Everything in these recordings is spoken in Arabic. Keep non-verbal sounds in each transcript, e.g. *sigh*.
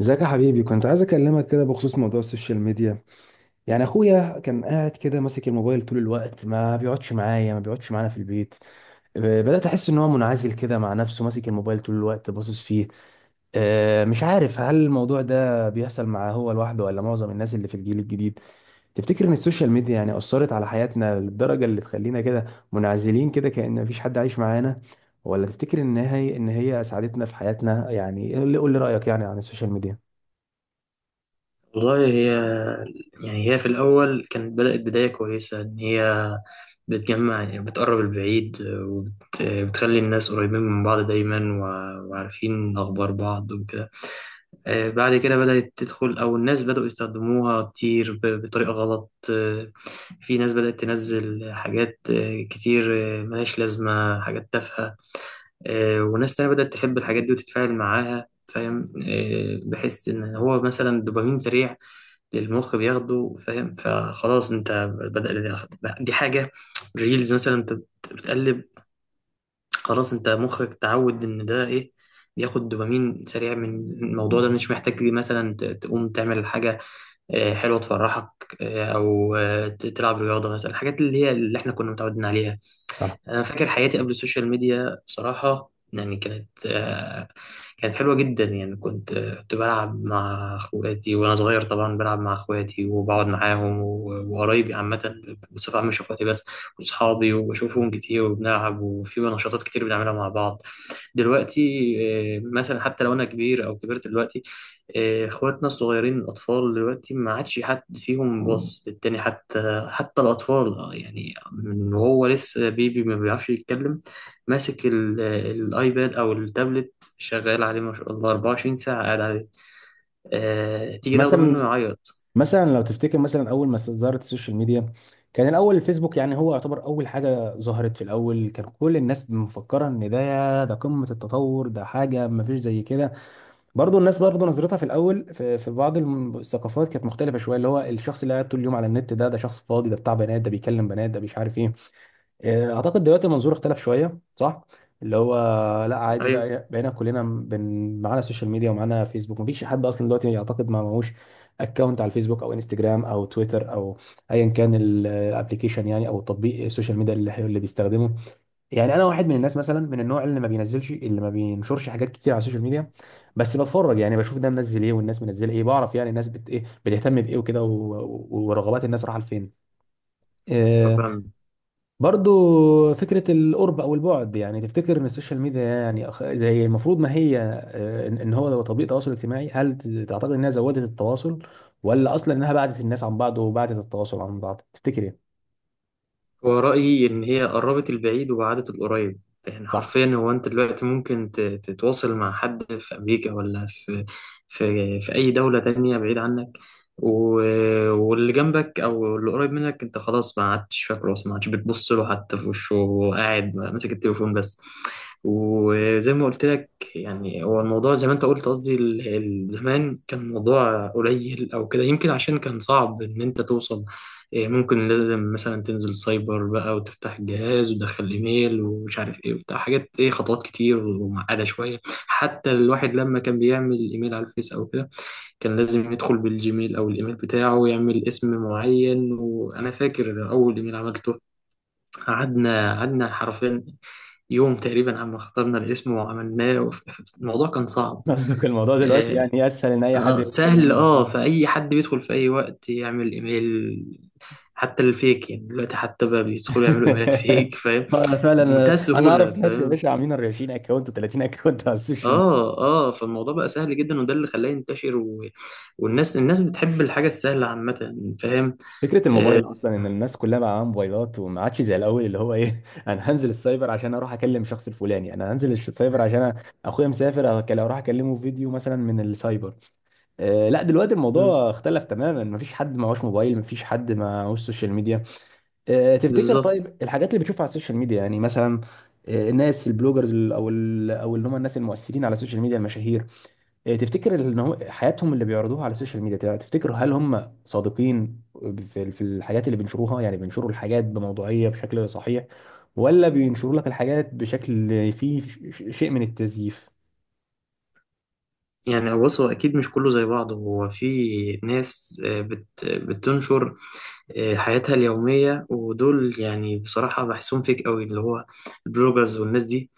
ازيك يا حبيبي؟ كنت عايز اكلمك كده بخصوص موضوع السوشيال ميديا. يعني اخويا كان قاعد كده ماسك الموبايل طول الوقت، ما بيقعدش معايا، ما بيقعدش معانا في البيت. ب- بدأت احس ان هو منعزل كده مع نفسه، ماسك الموبايل طول الوقت باصص فيه. مش عارف هل الموضوع ده بيحصل معاه هو لوحده ولا معظم الناس اللي في الجيل الجديد. تفتكر ان السوشيال ميديا يعني أثرت على حياتنا للدرجة اللي تخلينا كده منعزلين كده كأن مفيش حد عايش معانا؟ ولا تفتكر ان هي ساعدتنا في حياتنا؟ يعني قول لي رأيك يعني عن السوشيال ميديا. والله هي يعني هي في الأول كانت بدأت بداية كويسة إن هي بتجمع، يعني بتقرب البعيد وبتخلي الناس قريبين من بعض دايما، وعارفين أخبار بعض وكده. بعد كده بدأت تدخل أو الناس بدأوا يستخدموها كتير بطريقة غلط. في ناس بدأت تنزل حاجات كتير، ملهاش لازمة، حاجات تافهة. وناس تانية بدأت تحب الحاجات دي وتتفاعل معاها، فاهم؟ بحس إن هو مثلا دوبامين سريع للمخ بياخده، فاهم؟ فخلاص انت بدأ، دي حاجة ريلز مثلا، انت بتقلب، خلاص انت مخك تعود ان ده ايه، بياخد دوبامين سريع من الموضوع ده، مش محتاج مثلا تقوم تعمل حاجة حلوة تفرحك، او تلعب رياضة مثلا، الحاجات اللي هي اللي احنا كنا متعودين عليها. انا فاكر حياتي قبل السوشيال ميديا، بصراحه يعني كانت، كانت حلوه جدا، يعني كنت، كنت بلعب مع اخواتي وانا صغير. طبعا بلعب مع اخواتي وبقعد معاهم وقرايبي، عامه بصفه عامه، مش اخواتي بس، واصحابي، وبشوفهم كتير وبنلعب وفي نشاطات كتير بنعملها مع بعض دلوقتي. مثلا حتى لو انا كبير او كبرت دلوقتي، اخواتنا الصغيرين الاطفال دلوقتي ما عادش حد فيهم باصص للتاني، حتى الاطفال، يعني من وهو لسه بيبي ما بيعرفش يتكلم، ماسك الايباد او التابلت، شغال عليه ما شاء الله 24 ساعة، قاعد عليه. تيجي تاخده منه مثلا يعيط. مثلا لو تفتكر مثلا اول ما ظهرت السوشيال ميديا، كان الاول الفيسبوك، يعني هو يعتبر اول حاجه ظهرت. في الاول كان كل الناس مفكره ان ده قمه التطور، ده حاجه ما فيش زي كده. برضو الناس برضو نظرتها في الاول في بعض الثقافات كانت مختلفه شويه، اللي هو الشخص اللي قاعد طول اليوم على النت، ده شخص فاضي، ده بتاع بنات، ده بيكلم بنات، ده مش عارف ايه. اعتقد دلوقتي المنظور اختلف شويه، صح؟ اللي هو لا، عادي ايوه بقى، بقينا كلنا معانا السوشيال ميديا ومعانا فيسبوك، مفيش حد اصلا دلوقتي يعتقد ما معهوش اكونت على الفيسبوك او انستجرام او تويتر او ايا كان الابلكيشن، يعني او التطبيق السوشيال ميديا اللي بيستخدمه. يعني انا واحد من الناس مثلا، من النوع اللي ما بينزلش، اللي ما بينشرش حاجات كتير على السوشيال ميديا، بس بتفرج، يعني بشوف ده منزل ايه والناس منزله ايه، بعرف يعني الناس بت ايه، بتهتم بايه وكده، و... و- ورغبات الناس رايحه لفين. ايوه، آه، فاهم. برضو فكرة القرب أو البعد، يعني تفتكر إن السوشيال ميديا يعني هي المفروض، ما هي إن إن هو لو تطبيق تواصل اجتماعي، هل تعتقد إنها زودت التواصل، ولا أصلا إنها بعدت الناس عن بعض وبعدت التواصل عن بعض؟ تفتكر إيه؟ هو رأيي إن هي قربت البعيد وبعدت القريب، يعني صح. حرفيا هو أنت دلوقتي ممكن تتواصل مع حد في أمريكا، ولا في أي دولة تانية بعيد عنك، واللي جنبك أو اللي قريب منك أنت خلاص ما عدتش فاكره، أصلا ما عدتش بتبص له حتى في وشه، وقاعد ماسك التليفون بس. وزي ما قلت لك، يعني هو الموضوع زي ما أنت قلت، قصدي زمان كان الموضوع قليل أو كده، يمكن عشان كان صعب إن أنت توصل، إيه، ممكن لازم مثلا تنزل سايبر بقى وتفتح الجهاز وتدخل ايميل ومش عارف ايه وبتاع، حاجات ايه؟ خطوات كتير ومعقده شويه. حتى الواحد لما كان بيعمل ايميل على الفيس او كده، كان لازم يدخل بالجيميل او الايميل بتاعه ويعمل اسم معين. وانا فاكر اول ايميل عملته، قعدنا حرفيا يوم تقريبا، عم اخترنا الاسم وعملناه، الموضوع كان *laughs* صعب. قصدك الموضوع دلوقتي آه، يعني أسهل إن أي حد اه يدخل سهل، يعمل اه، أكونت. فأي حد بيدخل في أي وقت يعمل إيميل، حتى الفيك يعني دلوقتي، حتى بقى بيدخلوا يعملوا إيميلات *laughs* فيك، فاهم؟ *laughs* فعلا، أنا بمنتهى أنا أعرف السهولة، ناس يا فاهم. باشا عاملين 40 أكونت و30 أكونت على السوشيال. اه اه، فالموضوع بقى سهل جدا، وده اللي خلاه ينتشر. و... والناس، بتحب الحاجة السهلة عامة، فاهم. فكرة الموبايل أصلا إن الناس كلها بقى معاها موبايلات وما عادش زي الأول، اللي هو إيه، *laughs* أنا هنزل السايبر عشان أروح أكلم الشخص الفلاني، أنا هنزل السايبر عشان أخويا مسافر أروح أكلمه فيديو مثلا من السايبر. آه لا، دلوقتي مم، الموضوع اختلف تماما، مفيش حد معهوش موبايل، مفيش حد معهوش سوشيال ميديا. آه، تفتكر بالظبط. طيب الحاجات اللي بتشوفها على السوشيال ميديا يعني مثلا، الناس البلوجرز، أو اللي هم الناس المؤثرين على السوشيال ميديا، المشاهير، إيه، تفتكر ان هو حياتهم اللي بيعرضوها على السوشيال ميديا تفتكر هل هم صادقين في الحاجات اللي بينشروها؟ يعني بينشروا الحاجات بموضوعية بشكل صحيح، ولا بينشروا لك الحاجات بشكل فيه شيء من التزييف؟ يعني بص هو اكيد مش كله زي بعضه، هو في ناس بتنشر حياتها اليوميه، ودول يعني بصراحه بحسهم فيك قوي، اللي هو البلوجرز والناس دي.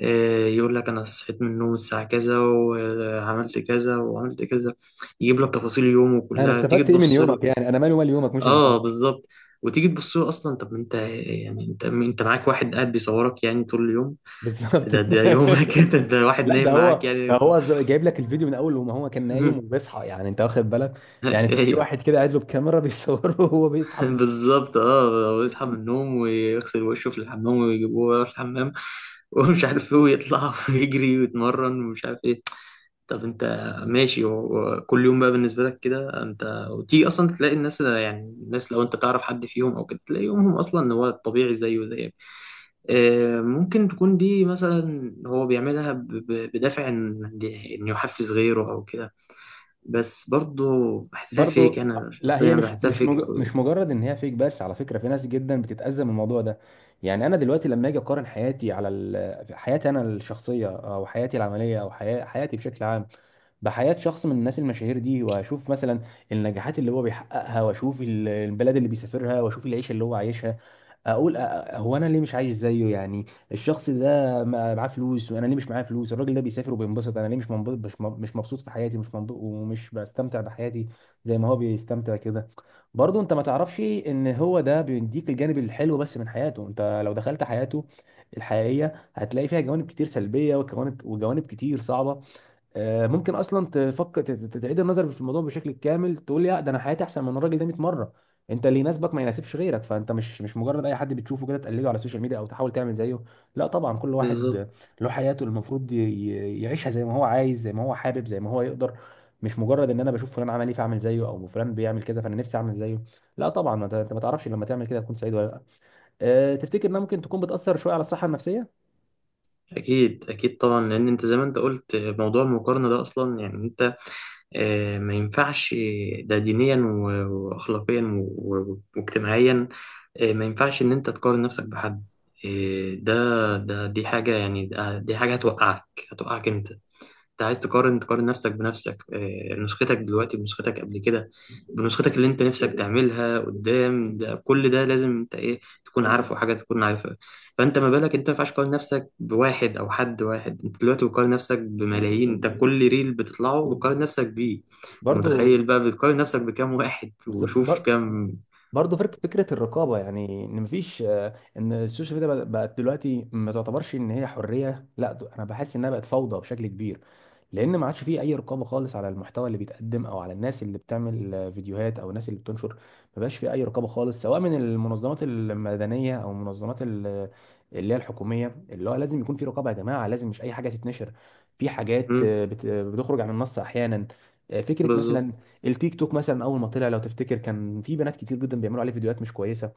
يقول لك انا صحيت من النوم الساعه كذا وعملت كذا وعملت كذا، يجيب لك تفاصيل يومه انا كلها، تيجي استفدت ايه من تبص له، يومك؟ يعني انا مالي ومال يومك؟ مش ازاي؟ اه بالظبط. وتيجي تبص له اصلا، طب ما انت، يعني انت معاك واحد قاعد بيصورك يعني طول اليوم، بالظبط. ده يومك *laughs* ده *laughs* واحد لا، ده نايم معاك هو، ده يعني. هو جايب لك الفيديو من اول وما هو كان نايم *laughs* وبيصحى، يعني انت واخد بالك، يعني في ايوه واحد كده قاعد له بكاميرا بيصوره *laughs* وهو بيصحى من. بالظبط، اه، ويصحى من النوم ويغسل وشه في الحمام ويجيبوه يروح الحمام *laughs* ومش عارف ايه، ويطلع *laughs* ويجري ويتمرن ومش عارف ايه. طب انت ماشي، وكل يوم بقى بالنسبه لك كده، انت وتيجي اصلا تلاقي الناس، يعني الناس لو انت تعرف حد فيهم او كده، تلاقي يومهم اصلا ان هو طبيعي زيه زيك. ممكن تكون دي مثلا هو بيعملها بدافع ان إن يحفز غيره او كده، بس برضه بحسها فيك، برضو انا لا، شخصيا هي انا مش بحسها مش فيك مج... قوي. مش مجرد ان هي فيك بس، على فكره في ناس جدا بتتاذى من الموضوع ده. يعني انا دلوقتي لما اجي اقارن حياتي على حياتي انا الشخصيه او حياتي العمليه او حياتي بشكل عام بحياه شخص من الناس المشاهير دي، واشوف مثلا النجاحات اللي هو بيحققها، واشوف البلاد اللي بيسافرها، واشوف العيشه اللي هو عايشها، اقول هو انا ليه مش عايش زيه يعني. الشخص ده معاه فلوس وانا ليه مش معايا فلوس؟ الراجل ده بيسافر وبينبسط، انا ليه مش منبسط؟ مش مبسوط في حياتي، مش منبسط ومش بستمتع بحياتي زي ما هو بيستمتع كده. برضه انت ما تعرفش ان هو ده بيديك الجانب الحلو بس من حياته، انت لو دخلت حياته الحقيقية هتلاقي فيها جوانب كتير سلبية وجوانب كتير صعبة. ممكن اصلا تفكر تعيد النظر في الموضوع بشكل كامل، تقول يا ده انا حياتي احسن من الراجل ده 100 مره. انت اللي يناسبك ما يناسبش غيرك، فانت مش مجرد اي حد بتشوفه كده تقلده على السوشيال ميديا او تحاول تعمل زيه. لا طبعا، كل بالظبط. واحد له حياته اللي المفروض يعيشها زي ما هو عايز، زي ما هو حابب، زي ما هو يقدر، مش مجرد ان انا بشوف فلان عمل ايه فاعمل زيه، او فلان بيعمل كذا فانا نفسي اعمل زيه. لا طبعا، ما انت، أنت ما تعرفش لما تعمل كده تكون سعيد ولا لا. أه، تفتكر انها ممكن تكون بتاثر شويه على الصحه النفسيه؟ اكيد اكيد طبعا، لان انت زي ما انت قلت موضوع المقارنه ده اصلا، يعني ما ينفعش. ده دينيا وأخلاقيا واجتماعيا. ما ينفعش إن أنت تقارن نفسك بحد. ده ده دي حاجة، يعني دي حاجة هتوقعك، هتوقعك أنت. انت عايز تقارن نفسك بنفسك. نسختك دلوقتي بنسختك قبل كده، بنسختك اللي انت نفسك تعملها قدام، ده كل ده لازم انت ايه، تكون عارفه حاجه، تكون عارفها. فانت ما بالك، انت ما ينفعش تقارن نفسك بواحد، او حد واحد، انت دلوقتي بتقارن نفسك بملايين، انت كل ريل بتطلعه بتقارن نفسك بيه. انت برضو. متخيل بقى بتقارن نفسك بكام واحد، بالظبط. وشوف كام. برضه فكره الرقابه، يعني ان مفيش ان السوشيال ميديا بقت دلوقتي، ما تعتبرش ان هي حريه، لا انا بحس انها بقت فوضى بشكل كبير، لان ما عادش فيه اي رقابه خالص على المحتوى اللي بيتقدم او على الناس اللي بتعمل فيديوهات او الناس اللي بتنشر. ما بقاش فيه اي رقابه خالص سواء من المنظمات المدنيه او المنظمات اللي هي الحكوميه. اللي هو لازم يكون في رقابه يا جماعه، لازم، مش اي حاجه تتنشر. في حاجات مم، بتخرج عن النص احيانا. فكره بالظبط، مثلا التيك توك مثلا، اول ما طلع لو تفتكر كان في بنات كتير جدا بيعملوا عليه فيديوهات مش كويسه.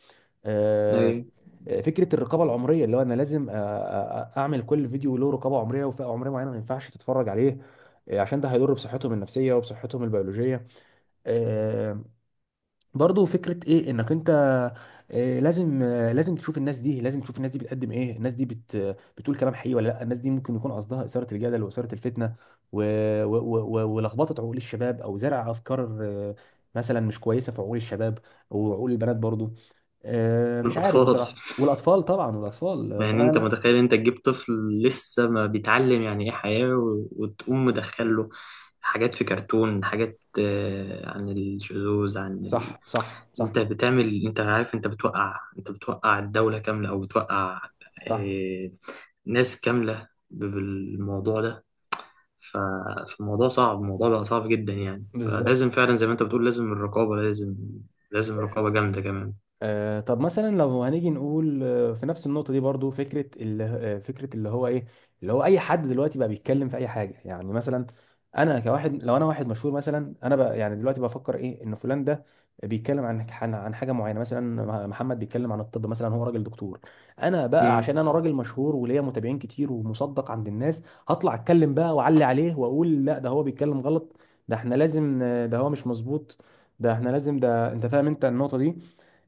آه، ايوه. فكره الرقابه العمريه، اللي هو انا لازم اعمل كل فيديو له رقابه عمريه وفئه عمريه معينه ما ينفعش تتفرج عليه، عشان ده هيضر بصحتهم النفسيه وبصحتهم البيولوجيه. آه، برضه فكرة ايه انك انت لازم، لازم تشوف الناس دي، لازم تشوف الناس دي بتقدم ايه، الناس دي بتقول كلام حقيقي ولا لا، الناس دي ممكن يكون قصدها إثارة الجدل وإثارة الفتنة و... و... و... و- ولخبطة عقول الشباب او زرع افكار آه، مثلا مش كويسة في عقول الشباب وعقول البنات برضه. مش عارف والاطفال، بصراحة، والأطفال طبعا، والأطفال، يعني انت فأنا متخيل، انت تجيب طفل لسه ما بيتعلم يعني ايه حياة، وتقوم مدخله حاجات في كرتون، حاجات عن الشذوذ، عن ال... صح، صح، صح. انت بتعمل، انت عارف، انت بتوقع، انت بتوقع الدولة كاملة، او بتوقع صح. آه، ناس كاملة بالموضوع ده. ف... فالموضوع صعب، الموضوع بقى صعب جدا، يعني بالظبط. فلازم فعلا زي ما انت بتقول لازم الرقابة، لازم، لازم رقابة جامدة كمان. طب مثلا لو هنيجي نقول في نفس النقطة دي، برضو فكرة اللي فكرة اللي هو ايه، اللي هو اي حد دلوقتي بقى بيتكلم في اي حاجة، يعني مثلا انا كواحد، لو انا واحد مشهور مثلا، انا بقى يعني دلوقتي بفكر ايه، ان فلان ده بيتكلم عن حاجة معينة، مثلا محمد بيتكلم عن الطب مثلا، هو راجل دكتور، انا بقى امم، عشان انا راجل مشهور وليا متابعين كتير ومصدق عند الناس، هطلع اتكلم بقى واعلي عليه واقول لا ده هو بيتكلم غلط، ده احنا لازم ده هو مش مظبوط، ده احنا لازم، ده انت فاهم انت النقطة دي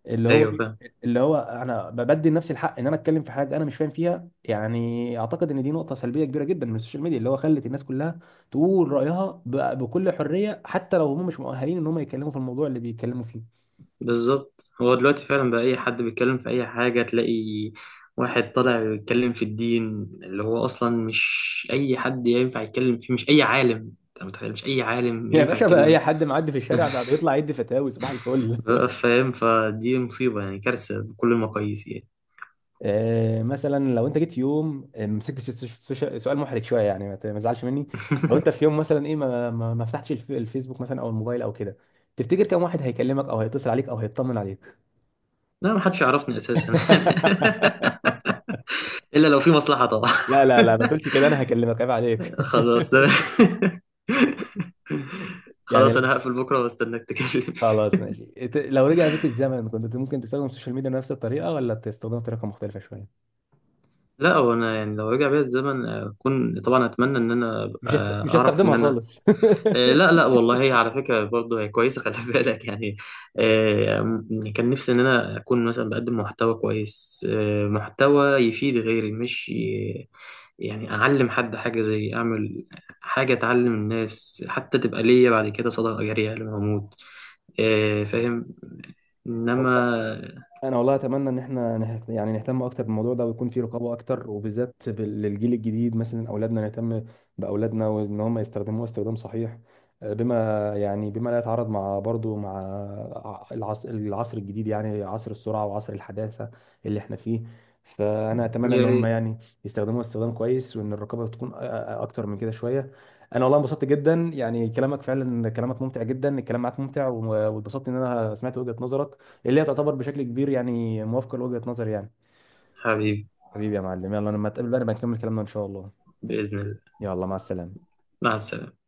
اللي هو ايوه إيه؟ فاهم. اللي هو انا بدي لنفسي الحق ان انا اتكلم في حاجه انا مش فاهم فيها. يعني اعتقد ان دي نقطه سلبيه كبيره جدا من السوشيال ميديا، اللي هو خلت الناس كلها تقول رايها بكل حريه حتى لو هم مش مؤهلين ان هم يتكلموا في الموضوع اللي بيتكلموا فيه. بالظبط، هو دلوقتي فعلا بقى اي حد بيتكلم في اي حاجه، تلاقي واحد طالع بيتكلم في الدين، اللي هو اصلا مش اي حد ينفع يتكلم فيه، مش اي عالم، انت متخيل، مش اي *laughs* عالم يا ينفع باشا بقى اي يتكلم. حد معدي في الشارع بقى بيطلع *laughs* يدي فتاوي صباح الفل. *laughs* بقى فاهم، فدي مصيبه يعني، كارثه بكل المقاييس يعني. مثلا لو انت جيت في يوم مسكت سؤال محرج شويه يعني، ما ما تزعلش مني، لو انت في *laughs* يوم مثلا ايه ما فتحتش الفيسبوك مثلا او الموبايل او كده، تفتكر كم واحد هيكلمك او هيتصل عليك او هيطمن عليك؟ لا، محدش يعرفني اساسا *laughs* *laughs* الا لو في مصلحه طبعا. لا ما تقولش كده، انا هكلمك، عيب عليك. *laughs* خلاص *laughs* *laughs* يعني خلاص انا هقفل بكره واستناك تكلم. خلاص ماشي، لو رجع بيك الزمن كنت ممكن تستخدم السوشيال ميديا بنفس الطريقه ولا تستخدمها بطريقه مختلفه شويه؟ لا، هو انا يعني لو رجع بيا الزمن، اكون طبعا، اتمنى ان انا أبقى، مش اعرف ان هستخدمها انا، خالص. *laughs* لا لا والله، هي على فكره برضه هي كويسه، خلي *laughs* بالك يعني. كان نفسي ان انا اكون مثلا بقدم محتوى كويس، محتوى يفيد غيري، مش يعني اعلم حد حاجه، زي اعمل حاجه تعلم الناس، حتى تبقى ليا بعد كده صدقه جاريه لما اموت. فاهم. والله انما، انا والله اتمنى ان احنا يعني نهتم اكتر بالموضوع ده ويكون في رقابه اكتر، وبالذات للجيل الجديد مثلا، اولادنا نهتم باولادنا، وان هم يستخدموها استخدام صحيح بما يعني بما لا يتعارض مع برضو مع العصر، الجديد يعني، عصر السرعه وعصر الحداثه اللي احنا فيه. فانا اتمنى ان يا هم ريت. يعني يستخدموها استخدام كويس، وان الرقابه تكون اكتر من كده شويه. انا والله انبسطت جدا يعني، كلامك فعلا، كلامك ممتع جدا، الكلام معاك ممتع، و- واتبسطت ان انا سمعت وجهه نظرك اللي هي تعتبر بشكل كبير يعني موافقة لوجهة نظري يعني. حبيبي، حبيبي يا معلم، يلا لما تقابل بقى نبقى نكمل كلامنا إن شاء الله. باذن الله. يلا مع السلامة. مع السلامه.